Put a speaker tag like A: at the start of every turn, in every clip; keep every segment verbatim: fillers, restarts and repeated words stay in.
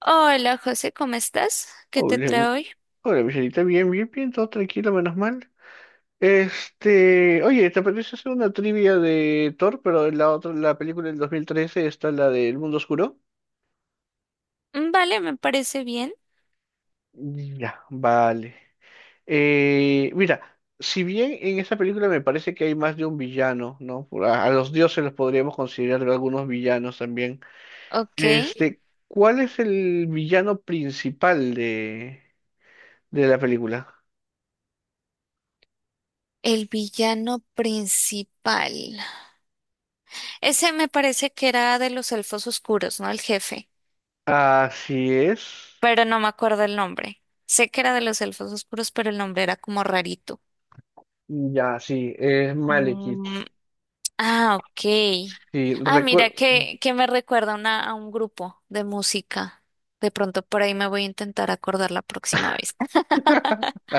A: Hola José, ¿cómo estás? ¿Qué te
B: Hola,
A: trae hoy?
B: hola, Michelita, bien, bien, bien, todo tranquilo, menos mal. Este, oye, ¿te apetece hacer una trivia de Thor, pero en la otra, la película del dos mil trece está la de El Mundo Oscuro?
A: Mm, Vale, me parece bien.
B: Ya, vale. Eh, mira, si bien en esta película me parece que hay más de un villano, ¿no? Por- A, a los dioses los podríamos considerar algunos villanos también.
A: Ok,
B: Este, ¿Cuál es el villano principal de, de la película?
A: el villano principal. Ese me parece que era de los elfos oscuros, ¿no? El jefe,
B: Así es.
A: pero no me acuerdo el nombre. Sé que era de los elfos oscuros, pero el nombre era como rarito.
B: Ya, sí, es Malekith.
A: Mm, ah, ok.
B: Sí,
A: Ah, mira
B: recuerdo.
A: que, que me recuerda a una, a un grupo de música. De pronto por ahí me voy a intentar acordar la próxima vez.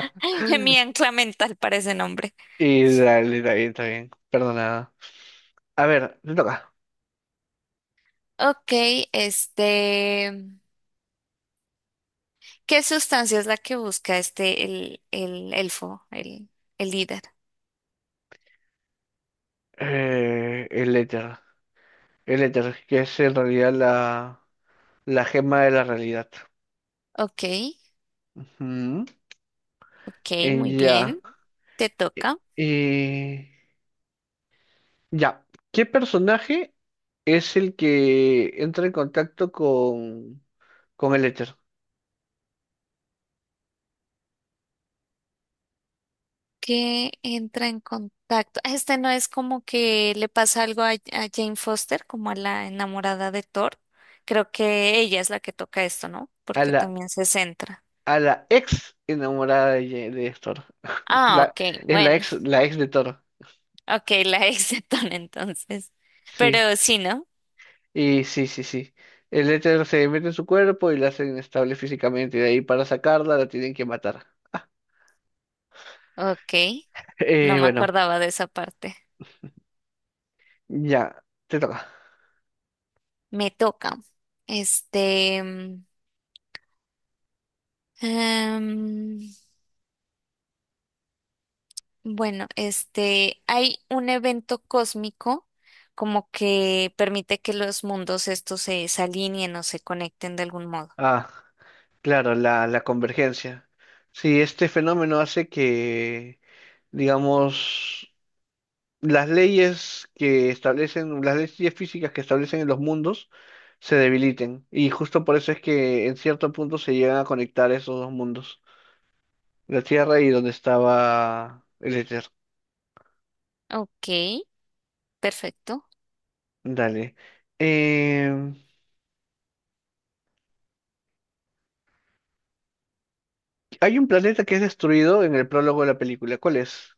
A: Mi ancla mental para ese nombre.
B: Y dale, dale, está bien. Perdonada. A ver, te toca.
A: Ok, este, ¿qué sustancia es la que busca este, el, el elfo, el, el líder?
B: Eh, el éter. El éter, que es en realidad la, la gema de la realidad.
A: Ok,
B: Ujú.
A: ok,
B: Eh,
A: muy
B: ya.
A: bien, te
B: Eh,
A: toca.
B: eh, ya. ¿Qué personaje es el que entra en contacto con, con el éter?
A: ¿Qué entra en contacto? Ah, este no es como que le pasa algo a, a Jane Foster, como a la enamorada de Thor. Creo que ella es la que toca esto, ¿no?
B: A
A: Porque
B: la,
A: también se centra.
B: a la ex enamorada de, Ye- de Héctor.
A: Ah,
B: La,
A: ok,
B: es la
A: bueno,
B: ex, la ex de Toro
A: ok, la ex de Thor entonces.
B: sí.
A: Pero sí, ¿no?
B: Y sí, sí, sí. El éter se mete en su cuerpo y la hace inestable físicamente. Y de ahí para sacarla la tienen que matar.
A: Ok, no
B: Eh,
A: me
B: bueno,
A: acordaba de esa parte.
B: ya, te toca.
A: Me toca. Este, mm, em, bueno, este, hay un evento cósmico como que permite que los mundos estos se, se alineen o se conecten de algún modo.
B: Ah, claro, la, la convergencia. Sí, este fenómeno hace que, digamos, las leyes que establecen, las leyes físicas que establecen en los mundos se debiliten. Y justo por eso es que en cierto punto se llegan a conectar esos dos mundos. La Tierra y donde estaba el éter.
A: Ok, perfecto.
B: Dale. Em, Hay un planeta que es destruido en el prólogo de la película. ¿Cuál es?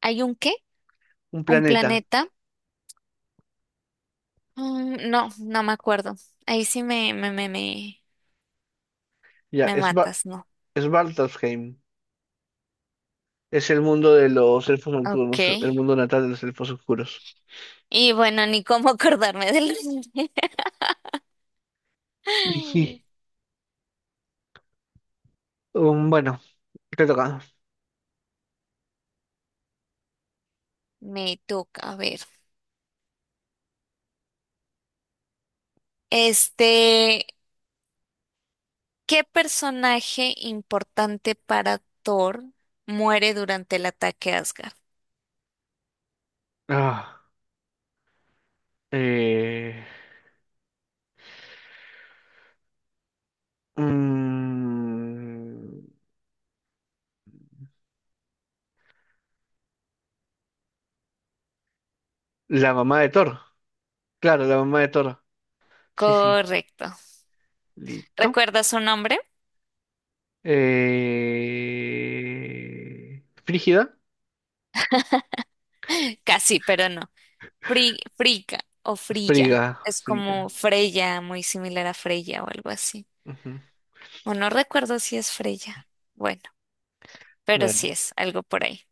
A: ¿Hay un qué?
B: Un
A: ¿Un
B: planeta.
A: planeta? Mm, no, no me acuerdo. Ahí sí me, me, me, me,
B: Ya,
A: me
B: es Sva-
A: matas, ¿no?
B: Svartalfheim. Es el mundo de los elfos
A: Ok.
B: nocturnos, el mundo natal de los elfos oscuros.
A: Y bueno, ni cómo acordarme del nombre.
B: Y sí. Um, bueno, te toca.
A: Me toca, a ver. Este, ¿qué personaje importante para Thor muere durante el ataque a Asgard?
B: Ah, eh, mm, la mamá de Thor. Claro, la mamá de Thor. Sí, sí.
A: Correcto.
B: Listo.
A: ¿Recuerdas su nombre?
B: Eh... ¿Frígida?
A: Casi, pero no. Fri Friga o
B: Friga,
A: Frilla. Es
B: friga.
A: como Freya, muy similar a Freya o algo así.
B: Ujú.
A: O no recuerdo si es Freya. Bueno, pero
B: Vale.
A: sí es algo por ahí.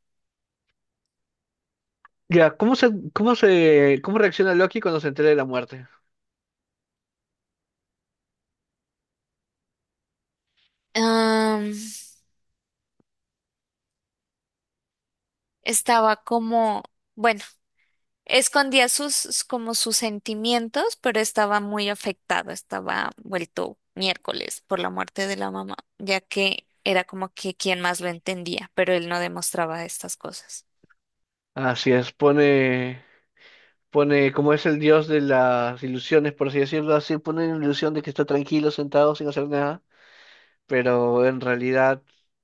B: Ya, ¿cómo se, cómo se, cómo reacciona Loki cuando se entera de la muerte?
A: Am, estaba como, bueno. Escondía sus, como sus sentimientos, pero estaba muy afectado, estaba vuelto miércoles por la muerte de la mamá, ya que era como que quien más lo entendía, pero él no demostraba estas cosas.
B: Así es, pone, pone, como es el dios de las ilusiones, por así decirlo, así pone la ilusión de que está tranquilo, sentado, sin hacer nada, pero en realidad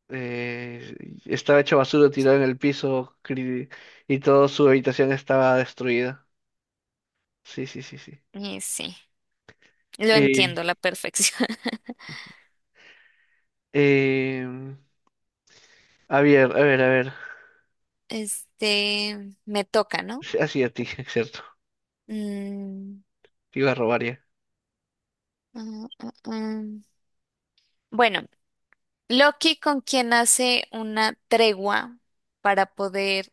B: eh, estaba hecho basura, tirado en el piso cri- y toda su habitación estaba destruida. Sí, sí, sí, sí.
A: Y sí, lo
B: Eh,
A: entiendo a la perfección.
B: em, A ver, a ver, a ver.
A: Este, me toca, ¿no?
B: Sí, así a ti, cierto.
A: Mm,
B: Te iba a robar ya.
A: mm, mm, mm. Bueno, Loki con quien hace una tregua para poder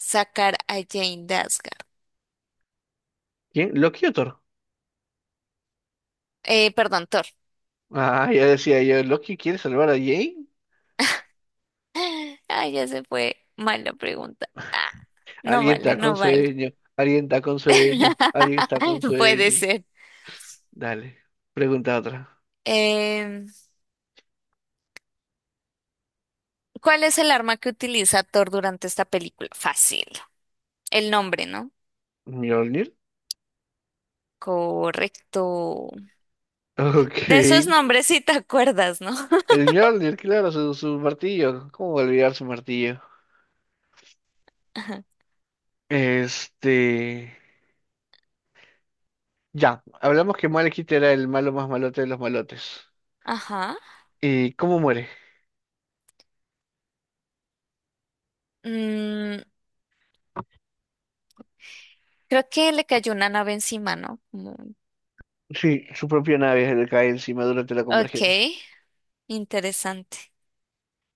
A: sacar a Jane de Asgard.
B: ¿Quién? ¿Loki o Thor?
A: Eh, perdón, Thor.
B: Ah, ya decía yo, ¿Loki quiere salvar a Jane?
A: Ay, ya se fue mal la pregunta. Ah, no
B: Alguien
A: vale,
B: está con
A: no vale.
B: sueño, alguien está con sueño, alguien está con
A: Puede
B: sueño.
A: ser.
B: Dale, pregunta otra.
A: Em, ¿cuál es el arma que utiliza Thor durante esta película? Fácil. El nombre, ¿no?
B: ¿Mjolnir?
A: Correcto. De
B: Ok.
A: esos nombres sí te acuerdas, ¿no?
B: El Mjolnir, claro, su, su martillo. ¿Cómo olvidar su martillo?
A: Ajá.
B: Este... Ya, hablamos que Malekith era el malo más malote de los malotes.
A: Ajá.
B: ¿Y cómo muere?
A: Mm, creo que le cayó una nave encima, ¿no? Como
B: Sí, su propia nave le cae encima durante la
A: ok,
B: convergencia.
A: interesante.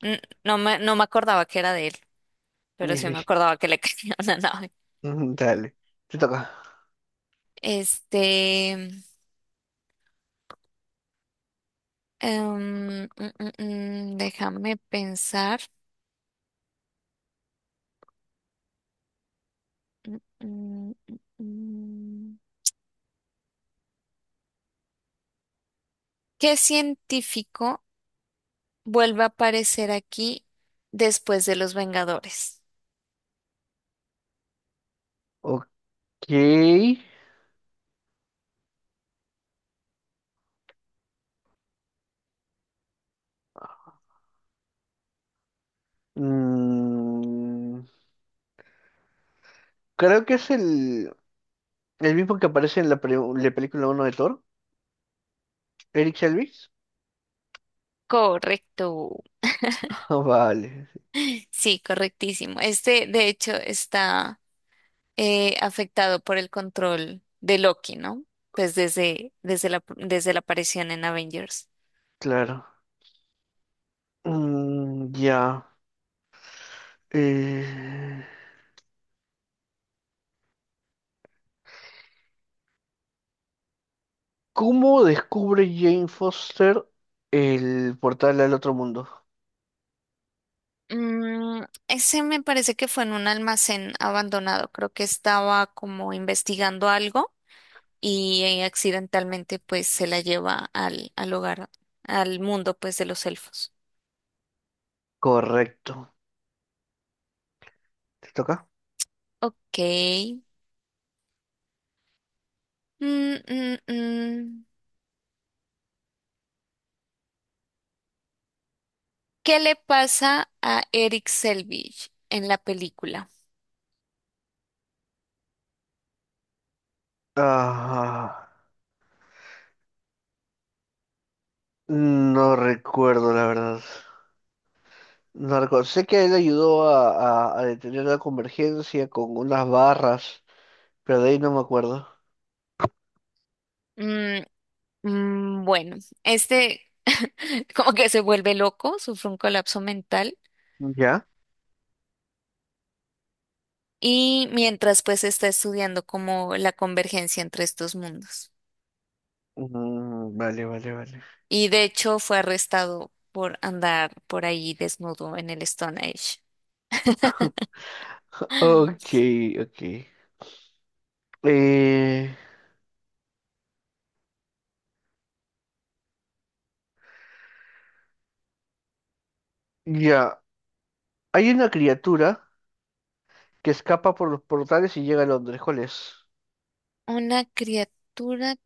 A: N- No me, no me acordaba que era de él, pero sí me acordaba que le cayó una nave.
B: Dale, te toca.
A: Este. Em, mm, mm, mm, déjame pensar. Mm, mm, mm, mm. ¿Qué científico vuelve a aparecer aquí después de los Vengadores?
B: Ok. Mm, creo que es el, el mismo que aparece en la, pre- la película uno de Thor, Eric Selvig.
A: Correcto.
B: Ah, vale,
A: Sí, correctísimo. Este, de hecho, está eh, afectado por el control de Loki, ¿no? Pues desde, desde la, desde la aparición en Avengers.
B: claro. Mm, ya. Eh, ¿Cómo descubre Jane Foster el portal al otro mundo?
A: Mm, ese me parece que fue en un almacén abandonado. Creo que estaba como investigando algo y eh, accidentalmente pues se la lleva al, al hogar, al mundo pues de los elfos.
B: Correcto. ¿Te toca?
A: Ok. Mm, mm, mm. ¿Qué le pasa a Eric Selvig en la película?
B: Ah, no recuerdo, la verdad. No recuerdo. Sé que él ayudó a, a- a detener la convergencia con unas barras, pero de ahí no me acuerdo.
A: Mm, mm, bueno, este como que se vuelve loco, sufre un colapso mental
B: ¿Ya?
A: y mientras pues está estudiando como la convergencia entre estos mundos.
B: Mm, vale, vale, vale.
A: Y de hecho fue arrestado por andar por ahí desnudo en el Stone Age.
B: Ok, ok. Eh, ya. Hay una criatura que escapa por los portales y llega a Londres. ¿Cuál es?
A: Una criatura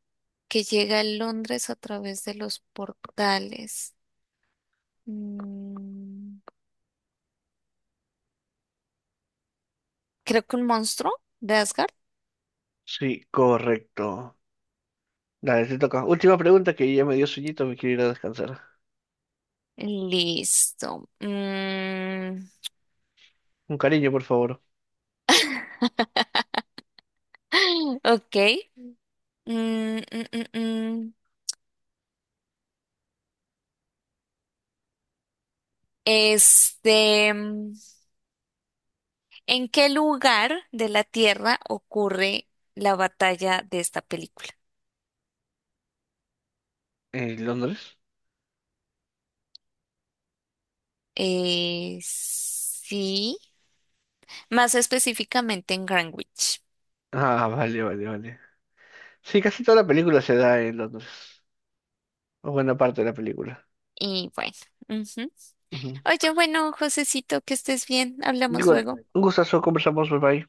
A: que llega a Londres a través de los portales. Mm, creo que un monstruo de Asgard.
B: Sí, correcto. Dale, te toca. Última pregunta que ya me dio sueñito, me quiero ir a descansar.
A: Listo. Mm,
B: Un cariño, por favor.
A: ok. Mm, mm, mm, mm. Este, mm, ¿en qué lugar de la Tierra ocurre la batalla de esta película?
B: ¿En Londres?
A: Eh, sí, más específicamente en Greenwich.
B: Ah, vale, vale, vale. Sí, casi toda la película se da en Londres. O buena parte de la película.
A: Y bueno, ujú.
B: Ujú.
A: Oye, bueno, Josecito, que estés bien. Hablamos
B: Digo,
A: luego.
B: un gustazo, conversamos, bye bye.